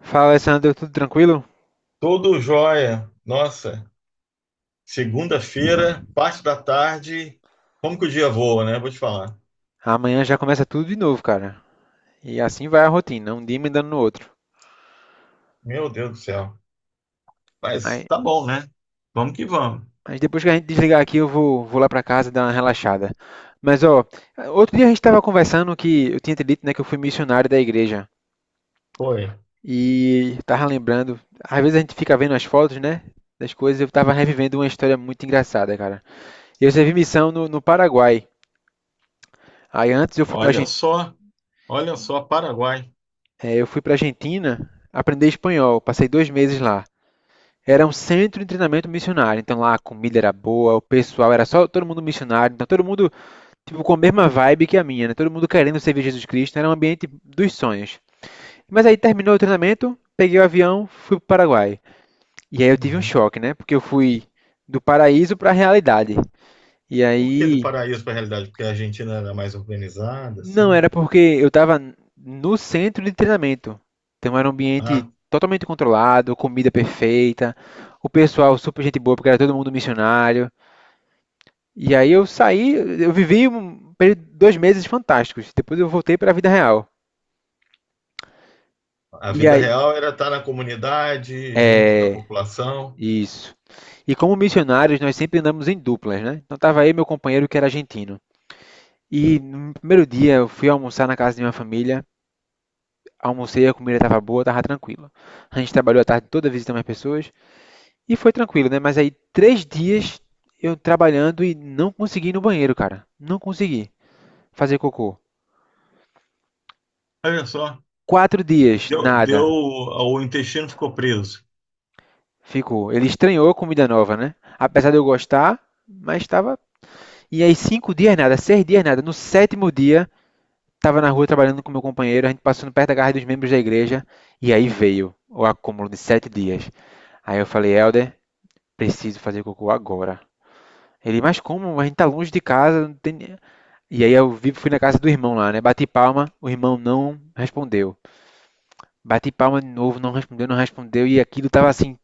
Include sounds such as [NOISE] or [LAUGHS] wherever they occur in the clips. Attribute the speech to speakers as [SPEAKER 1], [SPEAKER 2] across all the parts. [SPEAKER 1] Fala, Alessandro, tudo tranquilo?
[SPEAKER 2] Tudo jóia. Nossa, segunda-feira, parte da tarde. Como que o dia voa, né? Vou te falar.
[SPEAKER 1] Amanhã já começa tudo de novo, cara. E assim vai a rotina, um dia emendando no outro.
[SPEAKER 2] Meu Deus do céu. Mas
[SPEAKER 1] Aí-
[SPEAKER 2] tá bom, né? Vamos que vamos.
[SPEAKER 1] Mas, depois que a gente desligar aqui, eu vou lá pra casa dar uma relaxada. Mas, ó, outro dia a gente tava conversando que eu tinha te dito, né, que eu fui missionário da igreja.
[SPEAKER 2] Foi.
[SPEAKER 1] E tava lembrando, às vezes a gente fica vendo as fotos, né, das coisas, eu tava revivendo uma história muito engraçada, cara. Eu servi missão no Paraguai. Aí antes eu fui pra, Argen-
[SPEAKER 2] Olha só, olha só, Paraguai.
[SPEAKER 1] eh, eu fui pra Argentina aprender espanhol, passei 2 meses lá. Era um centro de treinamento missionário, então lá a comida era boa, o pessoal era só todo mundo missionário, então todo mundo tipo com a mesma vibe que a minha, né? Todo mundo querendo servir Jesus Cristo, era um ambiente dos sonhos. Mas aí terminou o treinamento, peguei o avião, fui para o Paraguai. E aí eu tive um
[SPEAKER 2] Uhum.
[SPEAKER 1] choque, né? Porque eu fui do paraíso para a realidade. E
[SPEAKER 2] Por que do
[SPEAKER 1] aí
[SPEAKER 2] paraíso para a realidade? Porque a Argentina era mais organizada, assim.
[SPEAKER 1] não era porque eu estava no centro de treinamento. Então era um ambiente
[SPEAKER 2] A,
[SPEAKER 1] totalmente controlado, comida perfeita, o pessoal super gente boa, porque era todo mundo missionário. E aí eu saí, eu vivi um período, 2 meses fantásticos. Depois eu voltei para a vida real.
[SPEAKER 2] a
[SPEAKER 1] E
[SPEAKER 2] vida
[SPEAKER 1] aí,
[SPEAKER 2] real era estar na comunidade, junto da
[SPEAKER 1] é,
[SPEAKER 2] população.
[SPEAKER 1] isso. E como missionários, nós sempre andamos em duplas, né? Então tava aí meu companheiro que era argentino. E no primeiro dia eu fui almoçar na casa de uma família, almocei, a comida estava boa, estava tranquila. A gente trabalhou a tarde toda visitando as pessoas e foi tranquilo, né? Mas aí 3 dias eu trabalhando e não consegui ir no banheiro, cara. Não consegui fazer cocô.
[SPEAKER 2] Olha só,
[SPEAKER 1] 4 dias,
[SPEAKER 2] deu,
[SPEAKER 1] nada.
[SPEAKER 2] o intestino ficou preso.
[SPEAKER 1] Ficou. Ele estranhou a comida nova, né? Apesar de eu gostar, mas estava. E aí, 5 dias nada, 6 dias nada. No sétimo dia, estava na rua trabalhando com meu companheiro, a gente passando perto da garra dos membros da igreja, e aí veio o acúmulo de 7 dias. Aí eu falei, Helder, preciso fazer cocô agora. Ele, mas como? A gente tá longe de casa. Não tem... E aí fui na casa do irmão lá, né? Bati palma, o irmão não respondeu. Bati palma de novo, não respondeu, não respondeu. E aquilo tava assim,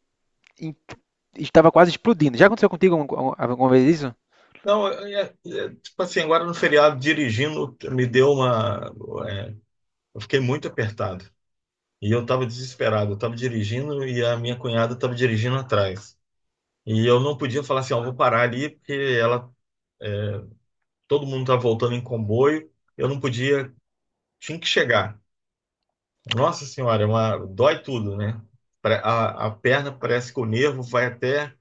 [SPEAKER 1] estava quase explodindo. Já aconteceu contigo alguma vez isso?
[SPEAKER 2] Não, tipo assim, agora no feriado, dirigindo, me deu uma. é, eu fiquei muito apertado. E eu estava desesperado. Eu estava dirigindo e a minha cunhada estava dirigindo atrás. E eu não podia falar assim, ó, vou parar ali, porque ela, todo mundo tá voltando em comboio. Eu não podia, tinha que chegar. Nossa Senhora, é uma, dói tudo, né? A perna parece que o nervo vai até,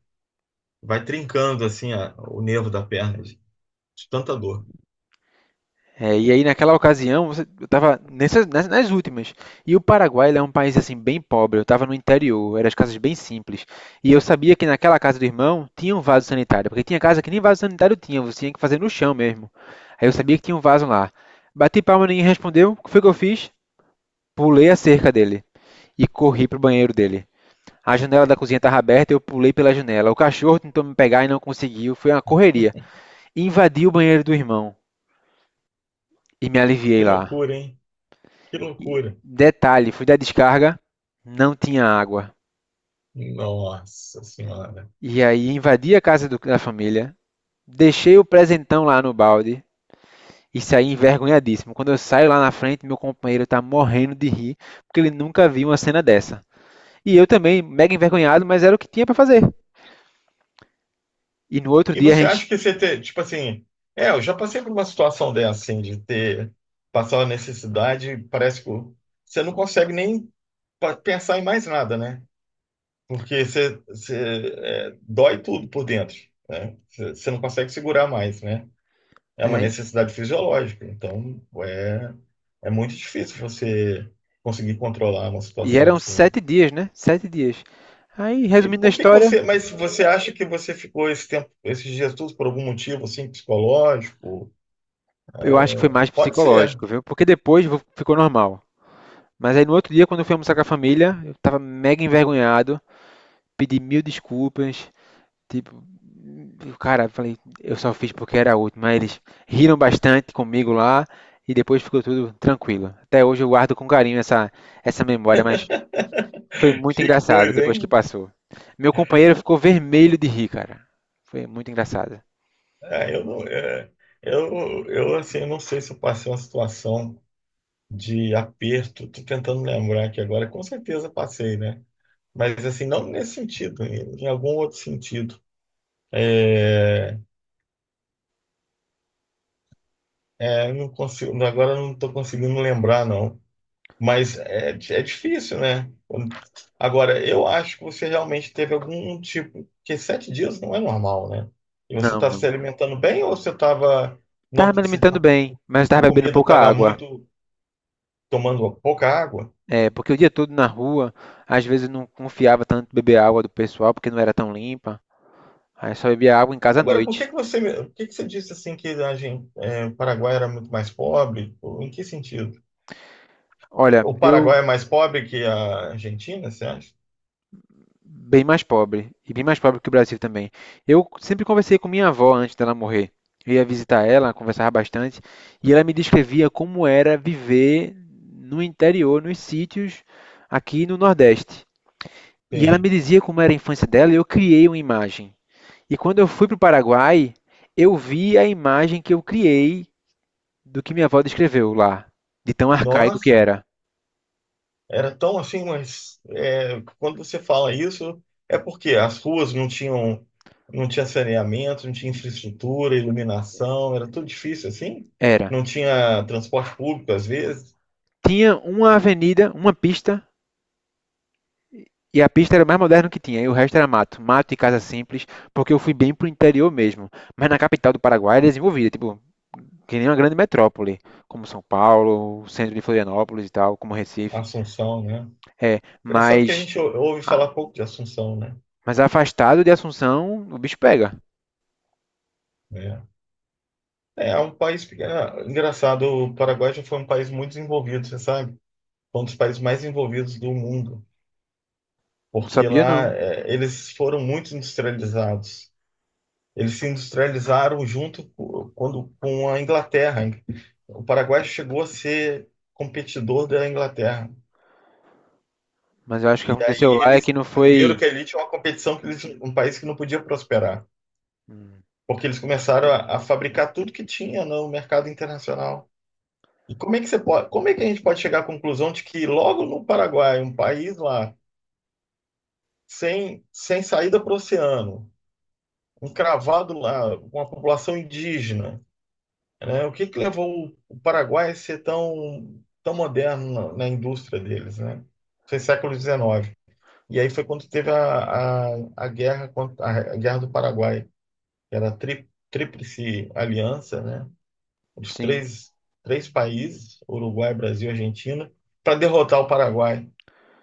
[SPEAKER 2] vai trincando assim, o nervo da perna, de tanta dor.
[SPEAKER 1] É, e aí naquela ocasião, eu estava nas últimas. E o Paraguai ele é um país assim bem pobre. Eu estava no interior, eram as casas bem simples. E eu sabia que naquela casa do irmão tinha um vaso sanitário, porque tinha casa que nem vaso sanitário tinha, você tinha que fazer no chão mesmo. Aí eu sabia que tinha um vaso lá. Bati palma, ninguém respondeu. O que foi que eu fiz? Pulei a cerca dele e corri pro banheiro dele. A janela da cozinha estava aberta, eu pulei pela janela. O cachorro tentou me pegar e não conseguiu. Foi uma correria. Invadi o banheiro do irmão e me aliviei
[SPEAKER 2] Que
[SPEAKER 1] lá.
[SPEAKER 2] loucura, hein? Que
[SPEAKER 1] E
[SPEAKER 2] loucura.
[SPEAKER 1] detalhe, fui dar descarga, não tinha água.
[SPEAKER 2] Nossa senhora.
[SPEAKER 1] E aí invadi a casa da família, deixei o presentão lá no balde e saí envergonhadíssimo. Quando eu saio lá na frente, meu companheiro está morrendo de rir, porque ele nunca viu uma cena dessa. E eu também, mega envergonhado, mas era o que tinha para fazer. E no outro
[SPEAKER 2] E
[SPEAKER 1] dia a
[SPEAKER 2] você
[SPEAKER 1] gente.
[SPEAKER 2] acha que você ter, tipo assim, eu já passei por uma situação dessa, assim, de ter passado a necessidade, parece que você não consegue nem pensar em mais nada, né? Porque você dói tudo por dentro, né? Você não consegue segurar mais, né? É uma
[SPEAKER 1] É,
[SPEAKER 2] necessidade fisiológica, é muito difícil você conseguir controlar uma
[SPEAKER 1] e
[SPEAKER 2] situação
[SPEAKER 1] eram
[SPEAKER 2] assim.
[SPEAKER 1] 7 dias, né? 7 dias. Aí,
[SPEAKER 2] E
[SPEAKER 1] resumindo a
[SPEAKER 2] por que que
[SPEAKER 1] história,
[SPEAKER 2] você, mas você acha que você ficou esse tempo, esses dias todos por algum motivo assim psicológico?
[SPEAKER 1] eu acho que foi mais
[SPEAKER 2] Pode ser. [LAUGHS]
[SPEAKER 1] psicológico, viu? Porque depois ficou normal. Mas aí no outro dia, quando eu fui almoçar com a família, eu tava mega envergonhado, pedi mil desculpas, tipo, cara, eu falei, eu só fiz porque era útil, mas eles riram bastante comigo lá e depois ficou tudo tranquilo. Até hoje eu guardo com carinho essa memória, mas foi muito
[SPEAKER 2] Que
[SPEAKER 1] engraçado
[SPEAKER 2] coisa,
[SPEAKER 1] depois que
[SPEAKER 2] hein?
[SPEAKER 1] passou. Meu companheiro ficou vermelho de rir, cara. Foi muito engraçado.
[SPEAKER 2] É, eu não, é, eu assim, não sei se eu passei uma situação de aperto. Tô tentando lembrar aqui agora. Com certeza passei, né? Mas assim, não nesse sentido, em algum outro sentido. É, eu não consigo, agora eu não estou conseguindo lembrar, não. Mas é difícil, né? Quando... Agora, eu acho que você realmente teve algum tipo. Porque sete dias não é normal, né? E você
[SPEAKER 1] Não,
[SPEAKER 2] estava se
[SPEAKER 1] não.
[SPEAKER 2] alimentando bem ou você estava.
[SPEAKER 1] Tava
[SPEAKER 2] Não,
[SPEAKER 1] me
[SPEAKER 2] você
[SPEAKER 1] alimentando
[SPEAKER 2] tinha,
[SPEAKER 1] bem, mas
[SPEAKER 2] a
[SPEAKER 1] tava bebendo
[SPEAKER 2] comida
[SPEAKER 1] pouca
[SPEAKER 2] estava
[SPEAKER 1] água.
[SPEAKER 2] muito. Tomando pouca água?
[SPEAKER 1] É, porque o dia todo na rua, às vezes eu não confiava tanto em beber água do pessoal, porque não era tão limpa. Aí só bebia água em casa à
[SPEAKER 2] Agora,
[SPEAKER 1] noite.
[SPEAKER 2] por que que você disse assim que a gente, o Paraguai era muito mais pobre? Ou em que sentido?
[SPEAKER 1] Olha,
[SPEAKER 2] O
[SPEAKER 1] eu
[SPEAKER 2] Paraguai é mais pobre que a Argentina, você acha?
[SPEAKER 1] bem mais pobre, e bem mais pobre que o Brasil também. Eu sempre conversei com minha avó antes dela morrer. Eu ia visitar ela, conversava bastante, e ela me descrevia como era viver no interior, nos sítios aqui no Nordeste. E ela
[SPEAKER 2] Sim.
[SPEAKER 1] me dizia como era a infância dela, e eu criei uma imagem. E quando eu fui para o Paraguai, eu vi a imagem que eu criei do que minha avó descreveu lá, de tão arcaico que
[SPEAKER 2] Nossa!
[SPEAKER 1] era.
[SPEAKER 2] Era tão assim, mas quando você fala isso, é porque as ruas não tinham, não tinha saneamento, não tinha infraestrutura, iluminação, era tudo difícil assim.
[SPEAKER 1] Era.
[SPEAKER 2] Não tinha transporte público, às vezes,
[SPEAKER 1] Tinha uma avenida, uma pista, e a pista era mais moderna que tinha, e o resto era mato. Mato e casa simples, porque eu fui bem pro interior mesmo. Mas na capital do Paraguai era desenvolvida, tipo, que nem uma grande metrópole, como São Paulo, o centro de Florianópolis e tal, como Recife.
[SPEAKER 2] Assunção, né?
[SPEAKER 1] É,
[SPEAKER 2] Engraçado que a
[SPEAKER 1] mas,
[SPEAKER 2] gente ouve
[SPEAKER 1] ah,
[SPEAKER 2] falar pouco de Assunção, né?
[SPEAKER 1] mas afastado de Assunção, o bicho pega.
[SPEAKER 2] É, é um país pequeno. Engraçado, o Paraguai já foi um país muito desenvolvido, você sabe? Foi um dos países mais desenvolvidos do mundo,
[SPEAKER 1] Não
[SPEAKER 2] porque
[SPEAKER 1] sabia
[SPEAKER 2] lá,
[SPEAKER 1] não.
[SPEAKER 2] eles foram muito industrializados. Eles se industrializaram quando, com a Inglaterra. O Paraguai chegou a ser competidor da Inglaterra.
[SPEAKER 1] Mas eu acho que
[SPEAKER 2] E
[SPEAKER 1] aconteceu
[SPEAKER 2] aí
[SPEAKER 1] lá é
[SPEAKER 2] eles
[SPEAKER 1] que não foi.
[SPEAKER 2] entenderam que ali tinha uma competição que eles, um país que não podia prosperar,
[SPEAKER 1] Hum.
[SPEAKER 2] porque eles começaram a fabricar tudo que tinha no mercado internacional. E como é que você pode, como é que a gente pode chegar à conclusão de que logo no Paraguai, um país lá sem saída para o oceano, encravado lá, com uma população indígena, né? O que que levou o Paraguai a ser tão moderno na indústria deles, né? Foi século XIX. E aí foi quando teve a guerra contra, a guerra do Paraguai, que era a tríplice aliança, né? Os
[SPEAKER 1] Sim.
[SPEAKER 2] três, Três países, Uruguai, Brasil e Argentina, para derrotar o Paraguai.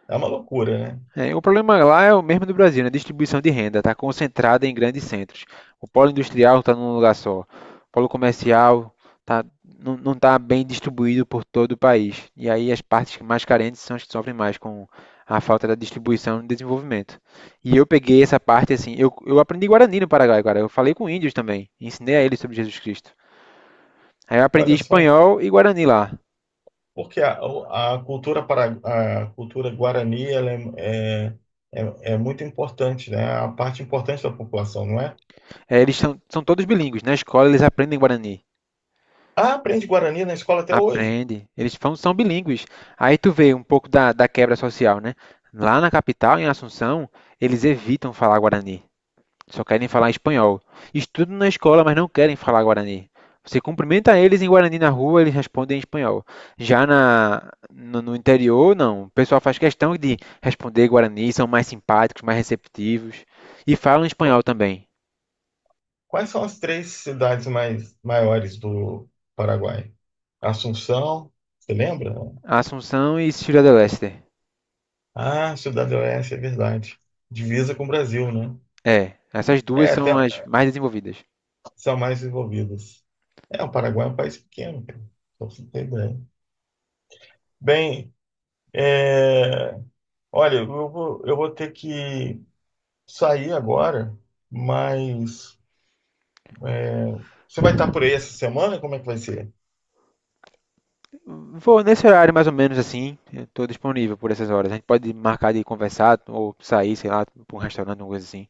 [SPEAKER 2] É uma loucura, né?
[SPEAKER 1] É, o problema lá é o mesmo do Brasil, né? Distribuição de renda está concentrada em grandes centros. O polo industrial está num lugar só. O polo comercial tá, não está bem distribuído por todo o país. E aí as partes mais carentes são as que sofrem mais com a falta da distribuição e desenvolvimento. E eu peguei essa parte assim. Eu aprendi Guarani no Paraguai, cara. Eu falei com índios também. Ensinei a eles sobre Jesus Cristo. Aí eu aprendi
[SPEAKER 2] Olha só.
[SPEAKER 1] espanhol e Guarani lá.
[SPEAKER 2] Porque a cultura guarani ela é, é muito importante, né? É a parte importante da população, não é?
[SPEAKER 1] É, eles são todos bilíngues. Na escola eles aprendem Guarani.
[SPEAKER 2] Ah, aprende Guarani na escola até hoje.
[SPEAKER 1] Aprende. Eles são bilíngues. Aí tu vê um pouco da quebra social, né? Lá na capital, em Assunção, eles evitam falar guarani. Só querem falar espanhol. Estudam na escola, mas não querem falar guarani. Você cumprimenta eles em guarani na rua, eles respondem em espanhol. Já na, no, no interior, não. O pessoal faz questão de responder guarani, são mais simpáticos, mais receptivos. E falam
[SPEAKER 2] Qu-
[SPEAKER 1] espanhol também.
[SPEAKER 2] Quais são as três cidades mais maiores do Paraguai? Assunção, você lembra?
[SPEAKER 1] Assunção e Ciudad del Este.
[SPEAKER 2] Ah, Cidade do Oeste, é verdade. Divisa com o Brasil, né?
[SPEAKER 1] É, essas duas
[SPEAKER 2] É, até
[SPEAKER 1] são as mais desenvolvidas.
[SPEAKER 2] são mais desenvolvidas. É, o Paraguai é um país pequeno, cara. Só pra você ter ideia. Bem, é, olha, eu vou ter que sair agora, mas é, você vai estar por aí essa semana? Como é que vai ser?
[SPEAKER 1] Vou nesse horário mais ou menos assim, eu tô disponível por essas horas. A gente pode marcar de conversar ou sair, sei lá, pra um restaurante, alguma coisa assim.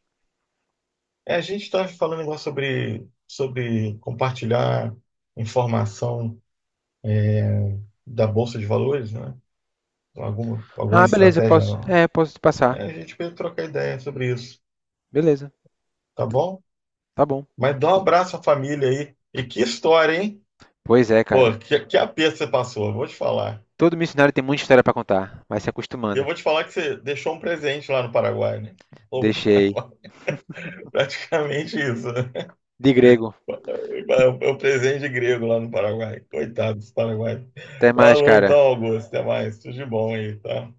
[SPEAKER 2] É, a gente está falando agora sobre compartilhar informação da Bolsa de Valores, né? Alguma
[SPEAKER 1] Ah, beleza,
[SPEAKER 2] estratégia.
[SPEAKER 1] posso. É, posso te
[SPEAKER 2] É,
[SPEAKER 1] passar.
[SPEAKER 2] a gente pode trocar ideia sobre isso,
[SPEAKER 1] Beleza,
[SPEAKER 2] tá bom?
[SPEAKER 1] tá bom.
[SPEAKER 2] Mas dá um abraço à família aí. E que história, hein?
[SPEAKER 1] Pois é, cara.
[SPEAKER 2] Pô, que aperto você passou, eu vou te falar.
[SPEAKER 1] Todo missionário tem muita história pra contar, vai se
[SPEAKER 2] E eu
[SPEAKER 1] acostumando.
[SPEAKER 2] vou te falar que você deixou um presente lá no Paraguai, né? Ou
[SPEAKER 1] Deixei.
[SPEAKER 2] Paraguai, [LAUGHS] praticamente isso. Né?
[SPEAKER 1] De grego.
[SPEAKER 2] É o presente grego lá no Paraguai. Coitado dos Paraguai.
[SPEAKER 1] Até mais,
[SPEAKER 2] Falou então,
[SPEAKER 1] cara.
[SPEAKER 2] Augusto. Até mais. Tudo de bom aí, tá?